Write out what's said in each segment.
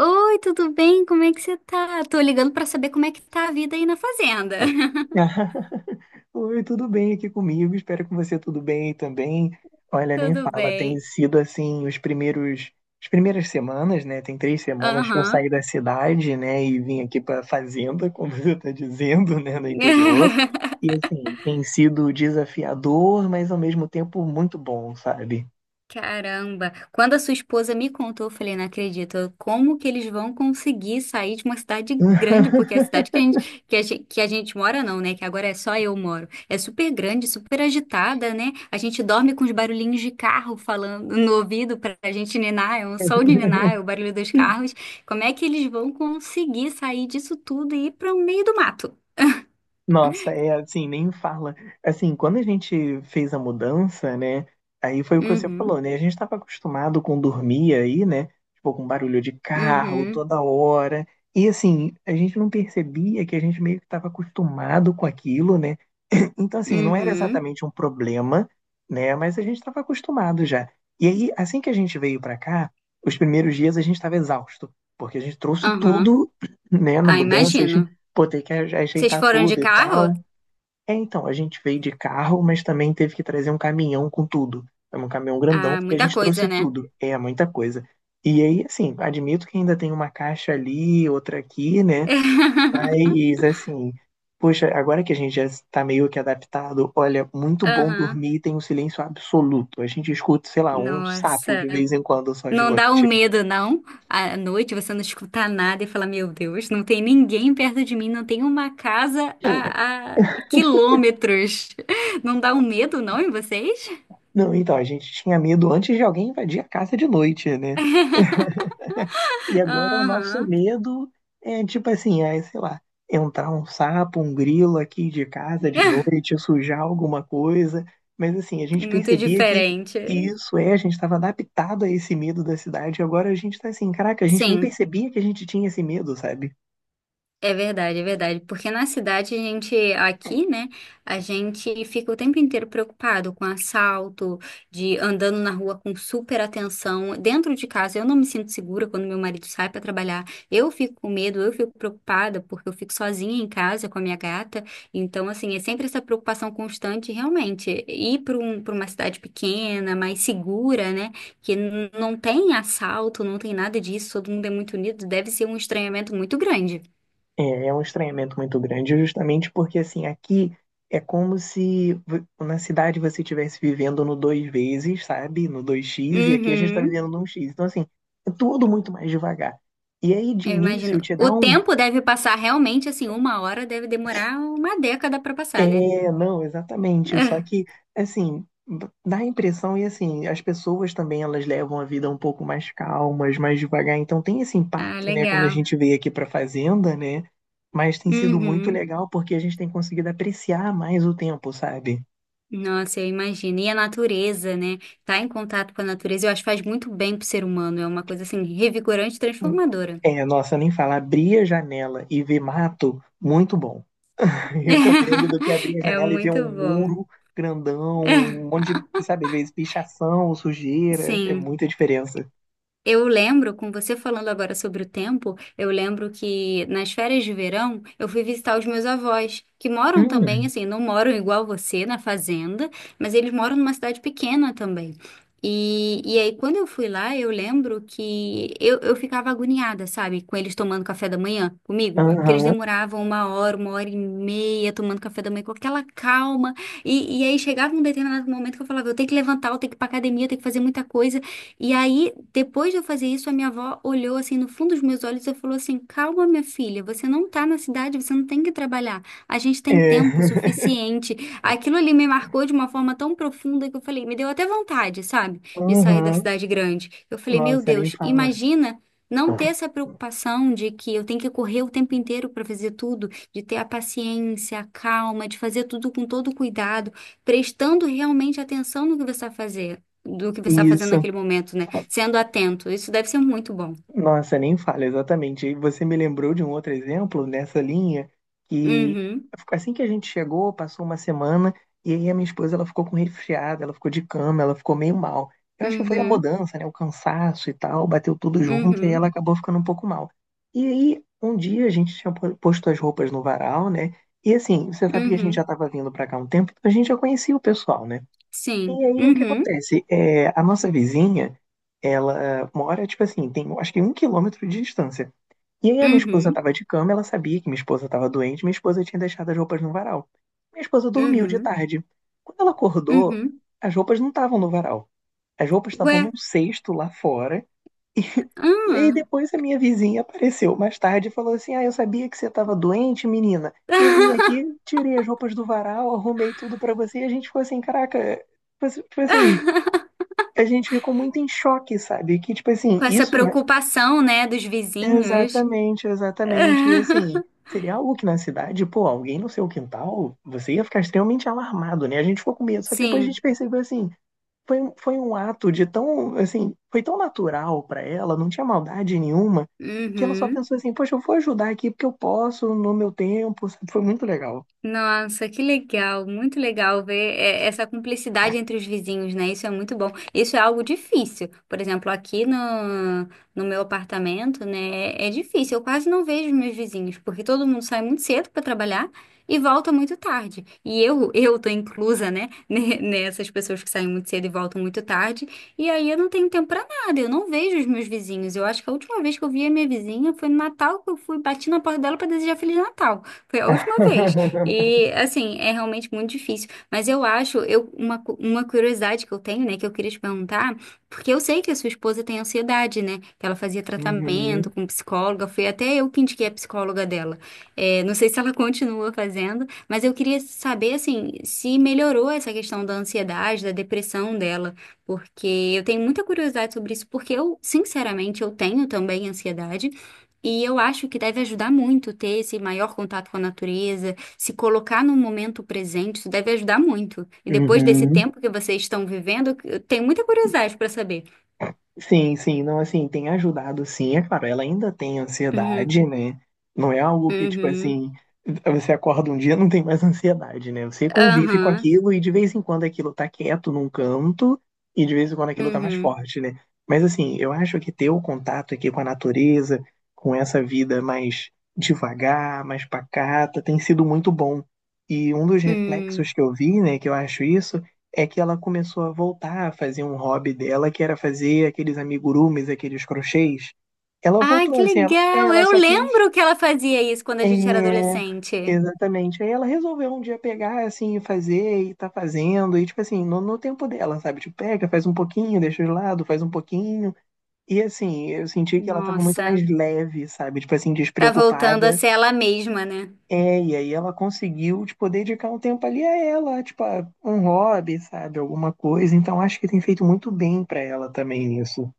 Oi, tudo bem? Como é que você tá? Tô ligando pra saber como é que tá a vida aí na fazenda. Oi, tudo bem aqui comigo? Espero que você tudo bem também. Olha, nem Tudo fala, tem bem? sido assim as primeiras semanas, né? Tem 3 semanas que eu saí Aham. da cidade, né? E vim aqui para fazenda, como você está dizendo, né? No interior. E assim, tem sido desafiador, mas ao mesmo tempo muito bom, sabe? Caramba, quando a sua esposa me contou, eu falei, não acredito, como que eles vão conseguir sair de uma cidade grande, porque a cidade que a gente, que a gente, que a gente mora não, né, que agora é só eu moro, é super grande, super agitada, né, a gente dorme com os barulhinhos de carro falando no ouvido pra gente ninar, é um som de ninar, é o barulho dos carros, como é que eles vão conseguir sair disso tudo e ir para o meio do mato? Nossa, é assim, nem fala. Assim, quando a gente fez a mudança, né? Aí foi o que você Uhum, falou, né? A gente estava acostumado com dormir aí, né? Tipo, com barulho de carro uhum, toda hora. E assim, a gente não percebia que a gente meio que estava acostumado com aquilo, né? Então, assim, não era uhum, exatamente um problema, né? Mas a gente estava acostumado já. E aí, assim que a gente veio para cá, os primeiros dias a gente estava exausto, porque a gente trouxe aham, tudo, né, na ah, mudança imagino. pô, tem que Vocês ajeitar foram de tudo e carro? tal. É, então, a gente veio de carro, mas também teve que trazer um caminhão com tudo. É um caminhão grandão, Ah, porque a muita gente coisa, trouxe né? tudo. É muita coisa. E aí, assim, admito que ainda tem uma caixa ali, outra aqui, né? Mas, assim, poxa, agora que a gente já está meio que adaptado, olha, muito bom Aham. dormir, tem um silêncio absoluto. A gente escuta, sei lá, um sapo Nossa. de vez em quando só de Não dá um noite. medo, não? À noite você não escuta nada e fala: Meu Deus, não tem ninguém perto de mim, não tem uma casa a quilômetros. Não dá um medo, não, em vocês? Não, então, a gente tinha medo antes de alguém invadir a casa de noite, né? E agora o nosso Aham. medo é tipo assim, é, sei lá, entrar um sapo, um grilo aqui de casa de noite, sujar alguma coisa. Mas assim, a gente Muito percebia que diferente. isso é, a gente estava adaptado a esse medo da cidade. E agora a gente tá assim, caraca, a gente nem Sim. percebia que a gente tinha esse medo, sabe? É verdade, é verdade. Porque na cidade a gente, aqui, né, a gente fica o tempo inteiro preocupado com assalto, de andando na rua com super atenção. Dentro de casa eu não me sinto segura quando meu marido sai para trabalhar. Eu fico com medo, eu fico preocupada porque eu fico sozinha em casa com a minha gata. Então, assim, é sempre essa preocupação constante, realmente. Ir para uma cidade pequena, mais segura, né, que não tem assalto, não tem nada disso, todo mundo é muito unido, deve ser um estranhamento muito grande. É, é um estranhamento muito grande, justamente porque assim, aqui é como se na cidade você estivesse vivendo no 2 vezes, sabe? No 2x e aqui a gente está Uhum, vivendo no 1x. Então, assim, é tudo muito mais devagar. E aí, de eu início, imagino. te O dá um. tempo deve passar realmente assim, uma hora deve demorar uma década para passar, né? É, não, exatamente. Só que, assim, dá a impressão, e assim, as pessoas também elas levam a vida um pouco mais calmas, mais devagar. Então tem esse Ah, ah, impacto, né, quando a legal. gente veio aqui pra fazenda, né? Mas tem sido muito Uhum. legal porque a gente tem conseguido apreciar mais o tempo, sabe? Nossa, eu imagino. E a natureza, né? Tá em contato com a natureza, eu acho que faz muito bem pro ser humano. É uma coisa assim, revigorante e transformadora. É, nossa, nem falar, abrir a janela e ver mato, muito bom. Recomendo do que abrir a É janela e ver muito um bom. muro grandão, um monte de, sabe, às vezes pichação, sujeira, é Sim. muita diferença. Eu lembro, com você falando agora sobre o tempo, eu lembro que nas férias de verão eu fui visitar os meus avós, que moram também, assim, não moram igual você na fazenda, mas eles moram numa cidade pequena também. E aí, quando eu fui lá, eu lembro que eu ficava agoniada, sabe, com eles tomando café da manhã comigo, porque eles Aham. demoravam uma hora e meia tomando café da manhã com aquela calma. E aí chegava um determinado momento que eu falava, eu tenho que levantar, eu tenho que ir pra academia, eu tenho que fazer muita coisa. E aí, depois de eu fazer isso, a minha avó olhou assim no fundo dos meus olhos e falou assim: Calma, minha filha, você não tá na cidade, você não tem que trabalhar. A gente tem tempo É. suficiente. Aquilo ali me marcou de uma forma tão profunda que eu falei: Me deu até vontade, sabe, de sair da Uhum. cidade grande. Eu falei: Meu Nossa, nem Deus, fala. imagina. Não ter essa preocupação de que eu tenho que correr o tempo inteiro para fazer tudo, de ter a paciência, a calma, de fazer tudo com todo cuidado, prestando realmente atenção no que você vai fazer do que você está fazendo Isso. naquele momento, né? Sendo atento. Isso deve ser muito bom. Nossa, nem fala, exatamente. E você me lembrou de um outro exemplo nessa linha que Uhum, assim que a gente chegou, passou uma semana e aí a minha esposa ela ficou com resfriada, ela ficou de cama, ela ficou meio mal. Eu acho que foi a uhum, mudança, né, o cansaço e tal, bateu tudo junto e ela uhum, acabou ficando um pouco mal. E aí um dia a gente tinha posto as roupas no varal, né? E assim, você sabe que a gente já uhum. estava vindo para cá há um tempo, a gente já conhecia o pessoal, né? E Sim. aí o que Uhum, acontece? É, a nossa vizinha, ela mora, tipo assim, tem acho que 1 quilômetro de distância. E aí a minha esposa uhum, tava de cama, ela sabia que minha esposa tava doente, minha esposa tinha deixado as roupas no varal. Minha esposa dormiu de uhum, tarde. Quando ela acordou, uhum. as roupas não estavam no varal. As roupas estavam num Ué, cesto lá fora. E aí ah. depois a minha vizinha apareceu mais tarde e falou assim: Ah, eu sabia que você tava doente, menina. Eu vim aqui, tirei as roupas do varal, arrumei tudo pra você. E a gente ficou assim: Caraca, foi assim, tipo assim, a gente ficou muito em choque, sabe? Que, tipo assim, Com essa isso, né? preocupação, né, dos vizinhos. Exatamente, exatamente. E assim, seria algo que na cidade, pô, alguém no seu quintal, você ia ficar extremamente alarmado, né? A gente ficou com medo. Só que depois a gente Sim. percebeu assim, foi um ato de tão, assim, foi tão natural pra ela, não tinha maldade nenhuma, que ela só Uhum. pensou assim, poxa, eu vou ajudar aqui porque eu posso, no meu tempo, sabe? Foi muito legal. Nossa, que legal, muito legal ver é, essa cumplicidade entre os vizinhos, né? Isso é muito bom. Isso é algo difícil. Por exemplo, aqui no meu apartamento, né? É difícil. Eu quase não vejo meus vizinhos, porque todo mundo sai muito cedo para trabalhar e volta muito tarde. E eu, eu tô inclusa, né? Nessas pessoas que saem muito cedo e voltam muito tarde. E aí eu não tenho tempo para nada. Eu não vejo os meus vizinhos. Eu acho que a última vez que eu vi a minha vizinha foi no Natal que eu fui bati na porta dela para desejar Feliz Natal. Foi a última vez. E assim, é realmente muito difícil. Mas eu acho, eu, uma, uma curiosidade que eu tenho, né, que eu queria te perguntar, porque eu sei que a sua esposa tem ansiedade, né? Que ela fazia tratamento Uhum, com psicóloga, foi até eu que indiquei a psicóloga dela. É, não sei se ela continua fazendo, mas eu queria saber, assim, se melhorou essa questão da ansiedade, da depressão dela, porque eu tenho muita curiosidade sobre isso, porque eu, sinceramente, eu tenho também ansiedade. E eu acho que deve ajudar muito ter esse maior contato com a natureza, se colocar no momento presente, isso deve ajudar muito. E depois desse uhum. tempo que vocês estão vivendo, eu tenho muita curiosidade para saber. Sim, sim, não, assim, tem ajudado sim, é claro, ela ainda tem Uhum, ansiedade, né? Não é algo que, tipo uhum, assim, você acorda um dia e não tem mais ansiedade, né? Você convive com aham, aquilo e de vez em quando aquilo tá quieto num canto e de vez em quando aquilo tá mais uhum, forte, né? Mas assim, eu acho que ter o contato aqui com a natureza, com essa vida mais devagar, mais pacata, tem sido muito bom. E um dos hum. reflexos que eu vi, né, que eu acho isso, é que ela começou a voltar a fazer um hobby dela, que era fazer aqueles amigurumis, aqueles crochês. Ela Ai, voltou que assim, ela, é, legal! ela Eu só quis. lembro que ela fazia isso quando a gente era É, adolescente. exatamente. Aí ela resolveu um dia pegar assim e fazer e tá fazendo, e tipo assim, no tempo dela, sabe? Tipo, pega, faz um pouquinho, deixa de lado, faz um pouquinho. E assim, eu senti que ela tava muito Nossa, mais leve, sabe? Tipo assim, tá voltando a despreocupada ser ela mesma, né? é, e aí ela conseguiu, tipo, dedicar um tempo ali a ela, tipo, a um hobby, sabe, alguma coisa. Então acho que tem feito muito bem pra ela também isso.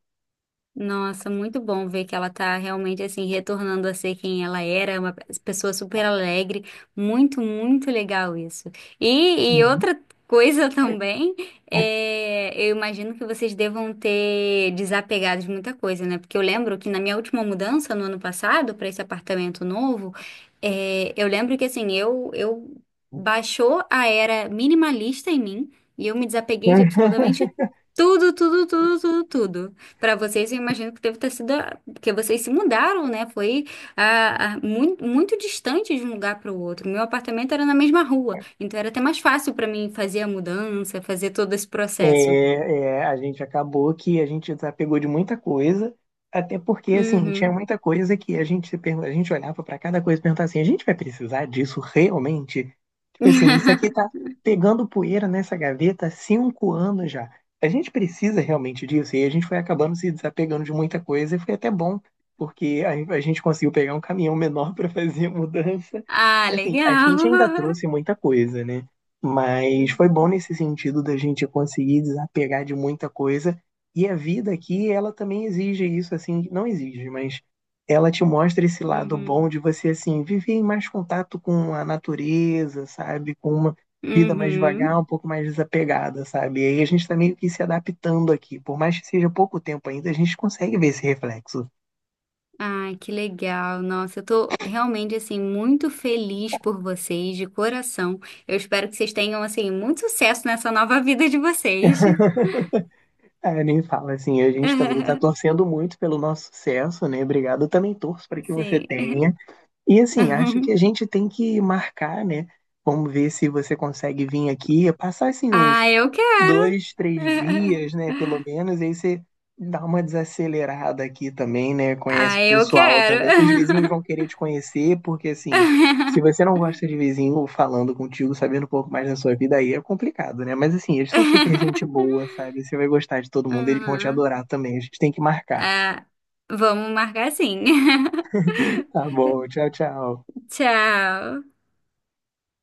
Nossa, muito bom ver que ela tá realmente assim retornando a ser quem ela era, uma pessoa super alegre, muito, muito legal isso. E Uhum. outra coisa também, é, eu imagino que vocês devam ter desapegado de muita coisa, né? Porque eu lembro que na minha última mudança no ano passado para esse apartamento novo, é, eu lembro que assim eu baixou a era minimalista em mim e eu me desapeguei de absolutamente tudo, tudo, tudo, tudo, tudo. Para vocês, eu imagino que deve ter sido, porque vocês se mudaram, né? Foi muito, muito distante de um lugar para o outro. Meu apartamento era na mesma rua, então era até mais fácil para mim fazer a mudança, fazer todo esse É, processo. é, a gente acabou que a gente desapegou de muita coisa, até porque, assim, tinha Uhum. muita coisa que a gente, se pergun- a gente olhava para cada coisa e perguntava assim, a gente vai precisar disso realmente? Tipo assim, isso aqui tá pegando poeira nessa gaveta há 5 anos já. A gente precisa realmente disso? E a gente foi acabando se desapegando de muita coisa e foi até bom, porque a gente conseguiu pegar um caminhão menor para fazer a mudança. Ah, Assim, a gente ainda legal. trouxe muita coisa, né? Mas foi bom Uhum. nesse sentido da gente conseguir desapegar de muita coisa. E a vida aqui, ela também exige isso, assim, não exige, mas ela te mostra esse lado bom Uhum. de você, assim, viver em mais contato com a natureza, sabe? Com uma vida mais Uhum. devagar, um pouco mais desapegada, sabe? E aí a gente está meio que se adaptando aqui. Por mais que seja pouco tempo ainda, a gente consegue ver esse reflexo. Ai, que legal. Nossa, eu tô realmente assim muito feliz por vocês, de coração. Eu espero que vocês tenham assim muito sucesso nessa nova vida de vocês. É, nem fala assim, a gente também está torcendo muito pelo nosso sucesso, né? Obrigado, eu também torço para que você Sim. tenha. E assim, acho que a gente tem que marcar, né? Vamos ver se você consegue vir aqui, passar assim uns Ah, eu quero. 2, 3 dias, né? Pelo menos, aí você dá uma desacelerada aqui também, né? Conhece Ah, o eu pessoal quero. também. Os vizinhos vão querer te conhecer, porque assim, se você não gosta de vizinho falando contigo, sabendo um pouco mais da sua vida, aí é complicado, né? Mas assim, eles são super gente boa, sabe? Você vai gostar de todo mundo, eles vão te Uhum. adorar também. A gente tem que marcar. Ah, vamos marcar sim. Tá bom, tchau, tchau. Tchau.